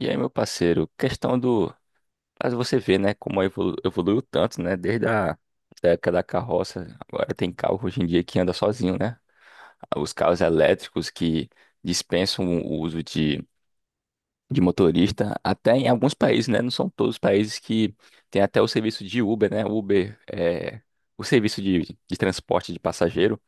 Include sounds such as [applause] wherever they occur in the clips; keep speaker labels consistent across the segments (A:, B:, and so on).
A: E aí, meu parceiro, questão do. Mas você vê, né, como evoluiu tanto, né? Desde a Da época da carroça, agora tem carro hoje em dia que anda sozinho, né? Os carros elétricos que dispensam o uso de motorista, até em alguns países, né? Não são todos os países que tem até o serviço de Uber, né? Uber é o serviço de transporte de passageiro,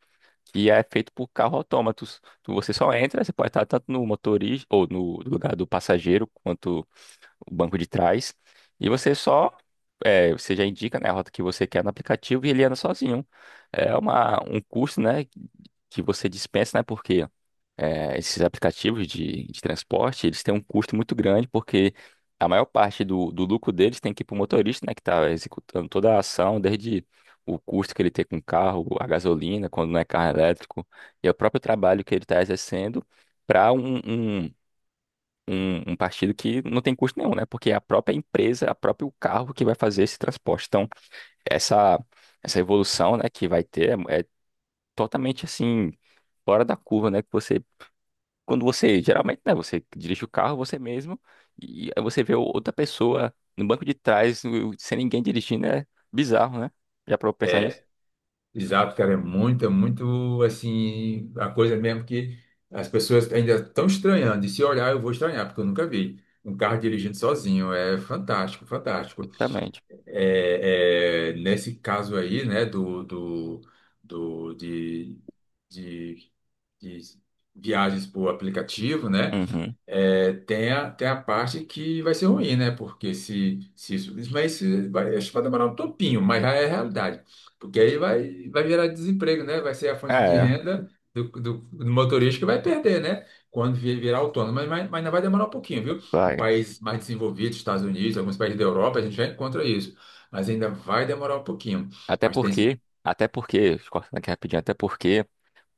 A: que é feito por carro autômatos. Você só entra, você pode estar tanto no motorista ou no lugar do passageiro quanto o banco de trás, e você só, você já indica, né, a rota que você quer no aplicativo e ele anda sozinho. É um custo, né, que você dispensa, né, porque esses aplicativos de transporte, eles têm um custo muito grande, porque a maior parte do lucro deles tem que ir para o motorista, né, que está executando toda a ação, desde o custo que ele tem com o carro, a gasolina, quando não é carro elétrico, e é o próprio trabalho que ele está exercendo para um partido que não tem custo nenhum, né? Porque é a própria empresa, a próprio carro que vai fazer esse transporte. Então, essa, essa evolução, né, que vai ter é totalmente assim, fora da curva, né? Que você, quando você, geralmente, né, você dirige o carro você mesmo e aí você vê outra pessoa no banco de trás, sem ninguém dirigindo, é bizarro, né? Já para pensar nisso?
B: Exato, cara, é muito assim, a coisa mesmo que as pessoas ainda estão estranhando. E se olhar, eu vou estranhar, porque eu nunca vi um carro dirigindo sozinho. É fantástico, fantástico.
A: Exatamente.
B: É, nesse caso aí, né, do de, de, de viagens por aplicativo, né?
A: Uhum.
B: É, tem a parte que vai ser ruim, né? Porque se isso. isso- Mas isso vai, acho que vai demorar um topinho, mas já é realidade. Porque aí vai gerar desemprego, né? Vai ser a fonte de
A: É,
B: renda do motorista que vai perder, né? Quando virar autônomo. Mas ainda vai demorar um pouquinho, viu? Em
A: vai.
B: países mais desenvolvidos, Estados Unidos, alguns países da Europa, a gente já encontra isso. Mas ainda vai demorar um pouquinho. Mas tem. esse-
A: Até porque, cortando aqui rapidinho, até porque.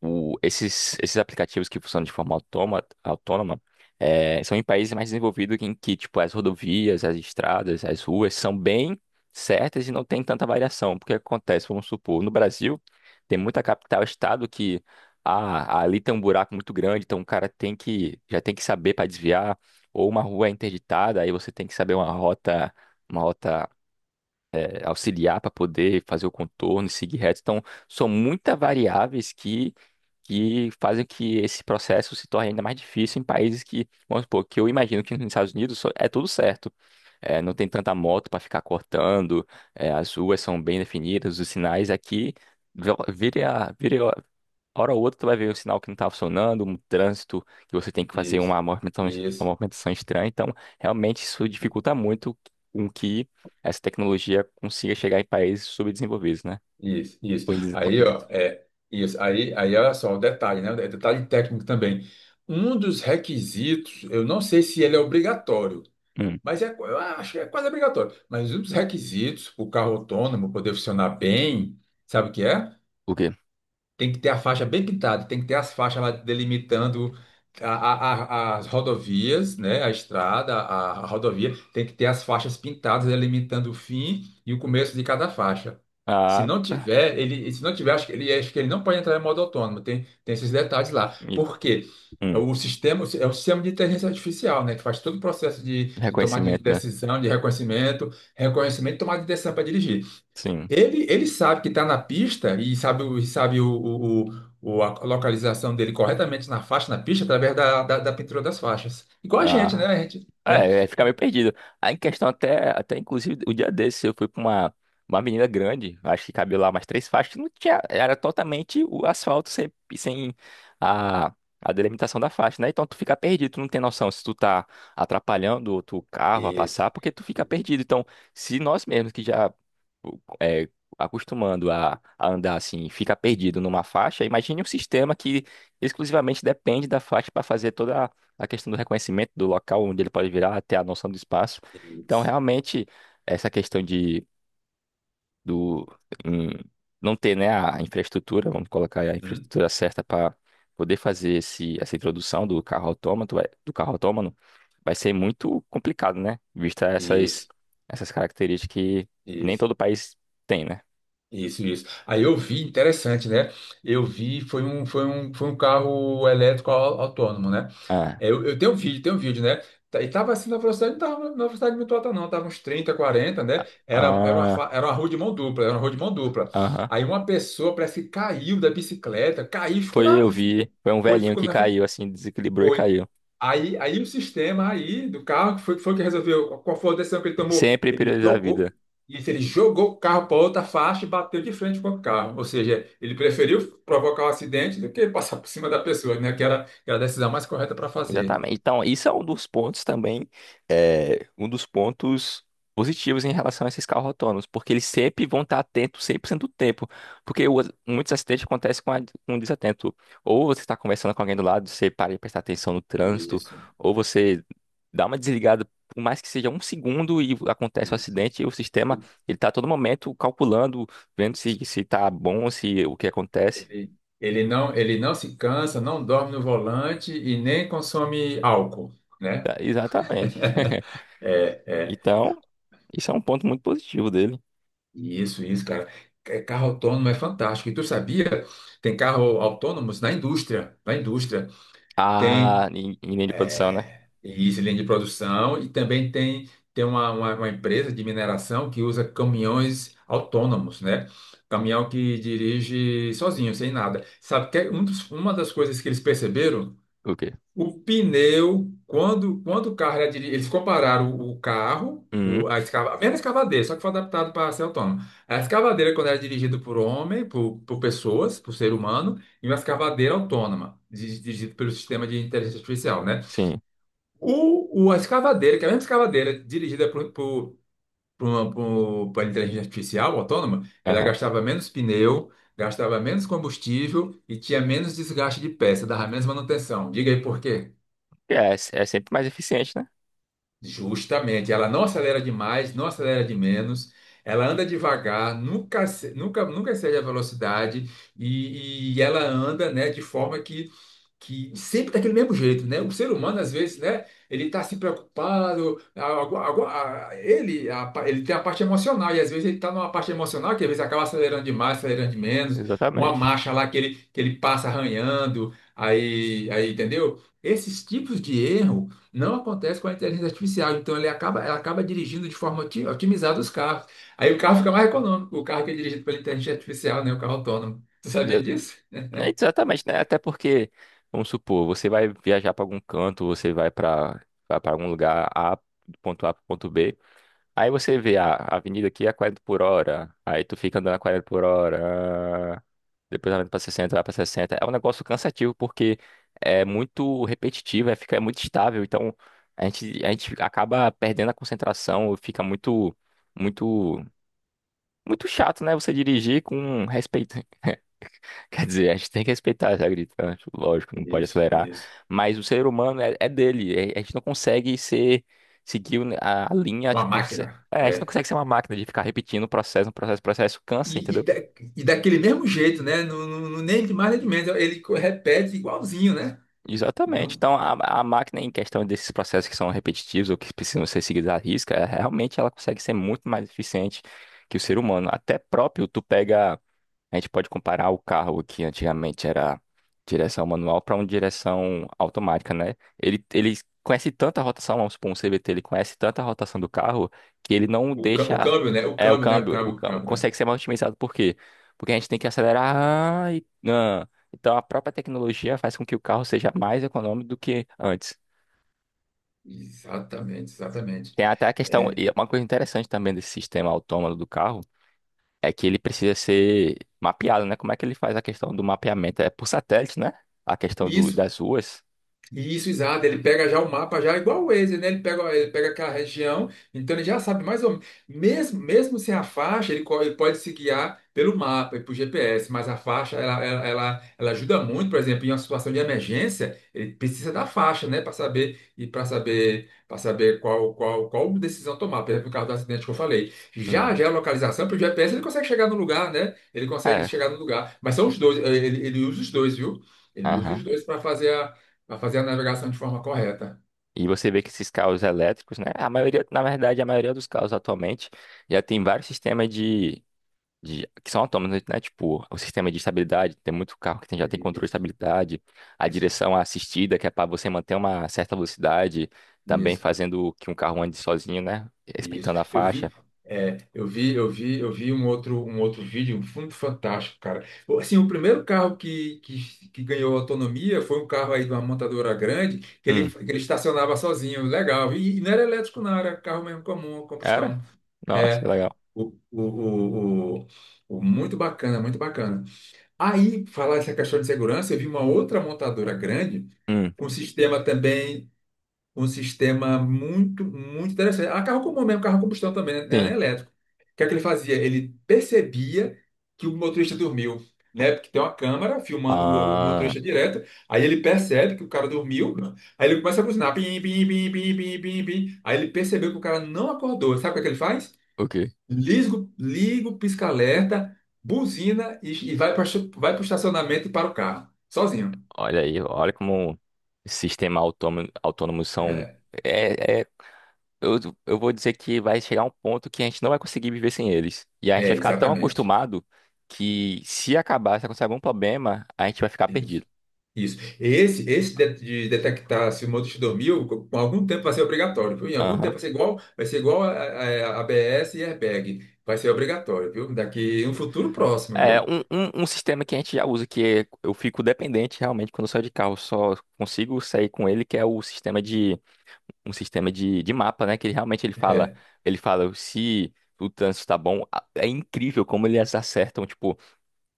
A: Esses aplicativos que funcionam de forma autônoma são em países mais desenvolvidos em que, tipo, as rodovias, as estradas, as ruas são bem certas e não tem tanta variação. Porque acontece, vamos supor, no Brasil, tem muita capital, estado que ah, ali tem um buraco muito grande, então o cara tem que, já tem que saber para desviar, ou uma rua é interditada, aí você tem que saber uma rota auxiliar para poder fazer o contorno e seguir reto. Então, são muitas variáveis que fazem que esse processo se torne ainda mais difícil em países que, vamos supor, que eu imagino que nos Estados Unidos é tudo certo. É, não tem tanta moto para ficar cortando, é, as ruas são bem definidas, os sinais aqui. Vira, hora ou outra tu vai ver um sinal que não tá funcionando, um trânsito que você tem que fazer
B: Isso.
A: uma
B: Isso.
A: movimentação estranha. Então, realmente isso dificulta muito com que essa tecnologia consiga chegar em países subdesenvolvidos, né?
B: Isso, isso.
A: Ou em
B: Aí,
A: desenvolvimento.
B: ó, é, isso. Aí, olha só, o detalhe, né? É detalhe técnico também. Um dos requisitos, eu não sei se ele é obrigatório,
A: Hum.
B: mas eu acho que é quase obrigatório. Mas um dos requisitos para o carro autônomo poder funcionar bem, sabe o que é?
A: O quê?
B: Tem que ter a faixa bem pintada, tem que ter as faixas lá delimitando a- a- as rodovias, né? A estrada, a rodovia, tem que ter as faixas pintadas delimitando o fim e o começo de cada faixa. Se
A: Ah,
B: não tiver, ele, se não tiver, acho que ele não pode entrar em modo autônomo. Tem esses detalhes lá.
A: e-
B: Por quê? É.
A: hum.
B: O sistema é o sistema de inteligência artificial, né? Que faz todo o processo de tomada de
A: Reconhecimento, né?
B: decisão, de reconhecimento, reconhecimento e tomada de decisão para dirigir.
A: Sim.
B: Ele sabe que está na pista e sabe a localização dele corretamente na faixa, na pista, através da pintura das faixas. Igual a gente, né?
A: Ah,
B: A gente, né?
A: é, aí fica meio perdido. Aí em questão até, até inclusive o dia desse eu fui pra uma menina grande, acho que cabia lá umas três faixas, que não tinha, era totalmente o asfalto sem a, a delimitação da faixa, né? Então tu fica perdido, tu não tem noção se tu tá atrapalhando outro carro a
B: Isso,
A: passar, porque tu fica perdido. Então, se nós mesmos que já é, acostumando a andar assim, fica perdido numa faixa, imagine um sistema que exclusivamente depende da faixa para fazer toda a questão do reconhecimento do local onde ele pode virar, até a noção do espaço. Então,
B: isso,
A: realmente, essa questão de do hum, não ter, né, a infraestrutura, vamos colocar aí a
B: hum,
A: infraestrutura certa para poder fazer essa introdução do carro autômato, do carro autônomo, vai ser muito complicado, né? Vista essas
B: isso,
A: essas características que nem
B: isso,
A: todo país tem, né?
B: isso, isso. Aí eu vi, interessante, né? Eu vi, foi um carro elétrico autônomo, né?
A: Ah,
B: É, eu tenho um vídeo, tem um vídeo, né? E tava assim na velocidade, não tava na velocidade muito alta, não. Tava uns 30, 40, né? Era, era, uma,
A: ah,
B: fa- era uma rua de mão dupla, era uma rua de mão dupla.
A: aham.
B: Aí uma pessoa parece que caiu da bicicleta, caiu, ficou
A: Foi
B: na,
A: eu vi,
B: ficou,
A: foi um
B: foi,
A: velhinho
B: ficou
A: que
B: na frente.
A: caiu assim, desequilibrou e
B: Foi.
A: caiu.
B: Aí o sistema aí do carro que foi que resolveu. Qual foi a decisão que ele tomou?
A: Sempre
B: Ele
A: priorizar a
B: jogou.
A: vida.
B: Isso, ele jogou o carro para outra faixa e bateu de frente com o carro. Ou seja, ele preferiu provocar o acidente do que passar por cima da pessoa, né? Que era a decisão mais correta para fazer.
A: Exatamente. Então, isso é um dos pontos também, é, um dos pontos positivos em relação a esses carros autônomos, porque eles sempre vão estar atentos 100% do tempo, porque muitos acidentes acontecem com, a, com um desatento. Ou você está conversando com alguém do lado, você para de prestar atenção no trânsito,
B: Isso,
A: ou você dá uma desligada, por mais que seja um segundo e acontece o
B: isso.
A: acidente, e o sistema ele está a todo momento calculando, vendo se se está bom, se o que acontece.
B: Ele, ele não se cansa, não dorme no volante e nem consome álcool, né?
A: Tá, exatamente.
B: [laughs] É,
A: [laughs]
B: é.
A: Então, isso é um ponto muito positivo dele.
B: Isso, cara. Carro autônomo é fantástico. E tu sabia? Tem carro autônomos na indústria, na indústria.
A: Ah,
B: Tem.
A: em em linha de produção, né?
B: É, e isso, linha de produção, e também tem uma empresa de mineração que usa caminhões autônomos, né? Caminhão que dirige sozinho, sem nada. Sabe que é uma das coisas que eles perceberam?
A: O quê?
B: O pneu, quando, quando o carro era diri- eles compararam o carro,
A: Uhum,
B: a mesma escavadeira, só que foi adaptado para ser autônomo. A escavadeira, quando era dirigida por homem, por pessoas, por ser humano, e uma escavadeira autônoma, dirigida pelo sistema de inteligência artificial, né?
A: sim.
B: A escavadeira, que é a mesma escavadeira dirigida por inteligência artificial autônoma, ela
A: Aham.
B: gastava menos pneu, gastava menos combustível e tinha menos desgaste de peça, dava menos manutenção. Diga aí por quê?
A: É, é sempre mais eficiente, né?
B: Justamente, ela não acelera demais, não acelera de menos, ela anda devagar, nunca, ace- nunca, nunca excede a velocidade e ela anda, né, de forma que sempre daquele mesmo jeito, né? O ser humano, às vezes, né? Ele tá se preocupado, ele tem a parte emocional, e às vezes ele tá numa parte emocional que às vezes acaba acelerando demais, acelerando de menos, uma
A: Exatamente.
B: marcha lá que ele, passa arranhando, aí, entendeu? Esses tipos de erro não acontecem com a inteligência artificial, então ela acaba dirigindo de forma otimizada os carros. Aí o carro fica mais econômico, o carro que é dirigido pela inteligência artificial, né? O carro autônomo. Tu sabia
A: Exa-
B: disso?
A: é exatamente, né? Até porque, vamos supor, você vai viajar para algum canto, você vai para algum lugar A, do ponto A para ponto B. Aí você vê a avenida aqui é a 40 por hora. Aí tu fica andando a 40 por hora. Ah, depois ela vai pra 60, vai pra 60. É um negócio cansativo porque é muito repetitivo, é, fica, é muito estável. Então a gente acaba perdendo a concentração, fica muito, muito, muito chato, né? Você dirigir com respeito. [laughs] Quer dizer, a gente tem que respeitar essa gritante, lógico, não pode
B: Isso,
A: acelerar.
B: isso.
A: Mas o ser humano é dele. A gente não consegue ser, seguir a linha,
B: Uma
A: tipo,
B: máquina.
A: é, a gente não
B: É.
A: consegue ser uma máquina de ficar repetindo o processo, um processo, processo, cansa,
B: E, e,
A: entendeu?
B: da- e daquele mesmo jeito, né? Não, nem de mais nem de menos. Ele repete igualzinho, né?
A: Exatamente.
B: Não,
A: Então, a máquina, em questão desses processos que são repetitivos ou que precisam ser seguidos à risca, realmente ela consegue ser muito mais eficiente que o ser humano. Até próprio, tu pega. A gente pode comparar o carro que antigamente era direção manual para uma direção automática, né? Ele conhece tanta rotação, vamos supor, um CVT, ele conhece tanta rotação do carro que ele não
B: o
A: deixa
B: câmbio, né? O
A: é
B: câmbio, né? O
A: o
B: câmbio, o
A: câmbio
B: câmbio, né?
A: consegue ser mais otimizado. Por quê? Porque a gente tem que acelerar ah, e ah. Então a própria tecnologia faz com que o carro seja mais econômico do que antes.
B: Exatamente, exatamente.
A: Tem até a questão,
B: É.
A: e é uma coisa interessante também desse sistema autônomo do carro é que ele precisa ser mapeado, né? Como é que ele faz a questão do mapeamento? É por satélite, né? A questão
B: E
A: do,
B: Isso
A: das ruas.
B: Isso, exato. Ele pega já o mapa, já igual o Waze, né? Ele pega aquela região, então ele já sabe mais ou menos. Mesmo, mesmo sem a faixa, ele pode se guiar pelo mapa e por GPS, mas a faixa, ela ajuda muito, por exemplo, em uma situação de emergência, ele precisa da faixa, né? Para saber e para saber qual decisão tomar. Por exemplo, o caso do acidente que eu falei. Já,
A: Uhum.
B: já a localização, pelo GPS, ele consegue chegar no lugar, né? Ele consegue
A: É,
B: chegar no lugar. Mas são os dois, ele usa os dois, viu? Ele usa os
A: aham.
B: dois para fazer a navegação de forma correta.
A: E você vê que esses carros elétricos, né? A maioria, na verdade, a maioria dos carros atualmente já tem vários sistemas de que são autônomos, né? Tipo, o sistema de estabilidade, tem muito carro que já tem controle de
B: Isso,
A: estabilidade, a
B: isso,
A: direção assistida, que é para você manter uma certa velocidade, também
B: isso,
A: fazendo que um carro ande sozinho, né?
B: isso.
A: Respeitando a
B: Eu vi,
A: faixa.
B: é, eu vi, eu vi, eu vi um outro vídeo muito fantástico, cara. Assim, o primeiro carro que ganhou autonomia foi um carro aí de uma montadora grande que ele,
A: Hum,
B: que ele estacionava sozinho, legal. E, não era elétrico, não, era carro mesmo comum,
A: era?
B: combustão.
A: Nossa, que
B: É,
A: legal.
B: o, o, o, o- muito bacana, muito bacana. Aí, falar essa questão de segurança, eu vi uma outra montadora grande
A: Hum.
B: com sistema também um sistema muito, muito interessante. Ah, carro comum mesmo, carro a combustão também, né?
A: Sim.
B: Nem elétrico. O que é que ele fazia? Ele percebia que o motorista dormiu, né? Porque tem uma câmera filmando o
A: Ah,
B: motorista direto, aí ele percebe que o cara dormiu, aí ele começa a buzinar, pim, pim, pim, pim, pim, pim, pim. Aí ele percebeu que o cara não acordou. Sabe o que é que ele faz?
A: ok.
B: Liga o pisca-alerta, buzina e vai para vai o estacionamento e para o carro, sozinho.
A: Olha aí, olha como sistemas autônomos são.
B: É,
A: É, eu, eu vou dizer que vai chegar um ponto que a gente não vai conseguir viver sem eles. E a gente vai
B: é,
A: ficar tão
B: exatamente.
A: acostumado que se acabar, se acontecer algum problema, a gente vai ficar perdido.
B: Isso. Esse de detectar se o motorista dormiu, com algum tempo vai ser obrigatório, viu? Em algum tempo
A: Aham.
B: vai ser igual a ABS e airbag. Vai ser obrigatório, viu? Daqui um futuro próximo,
A: É
B: viu?
A: um, um, um sistema que a gente já usa, que é, eu fico dependente realmente quando eu saio de carro, só consigo sair com ele, que é o sistema um sistema de mapa, né? Que ele realmente
B: É,
A: ele fala se o trânsito está bom. É incrível como eles acertam, tipo,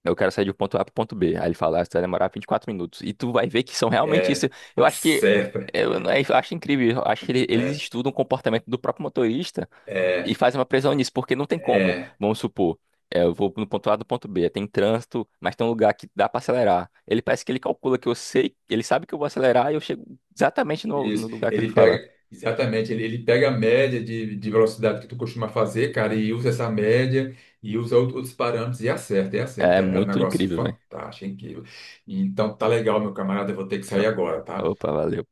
A: eu quero sair do ponto A pro ponto B. Aí ele fala, ah, você vai demorar 24 minutos. E tu vai ver que são realmente isso.
B: é.
A: Eu acho que
B: Acerta.
A: é, eu acho incrível, eu acho que eles
B: É,
A: estudam o comportamento do próprio motorista e
B: é,
A: fazem uma previsão nisso, porque não tem como,
B: é.
A: vamos supor, é, eu vou no ponto A do ponto B, tem trânsito, mas tem um lugar que dá pra acelerar. Ele parece que ele calcula que eu sei, ele sabe que eu vou acelerar e eu chego exatamente no
B: Isso.
A: lugar que ele
B: Ele
A: fala.
B: pega, exatamente, ele pega a média de velocidade que tu costuma fazer, cara, e usa essa média e usa outros parâmetros e acerta, e
A: É
B: acerta. É um
A: muito
B: negócio
A: incrível, velho.
B: fantástico, incrível. Então tá legal, meu camarada, eu vou ter que sair agora, tá?
A: Opa, valeu.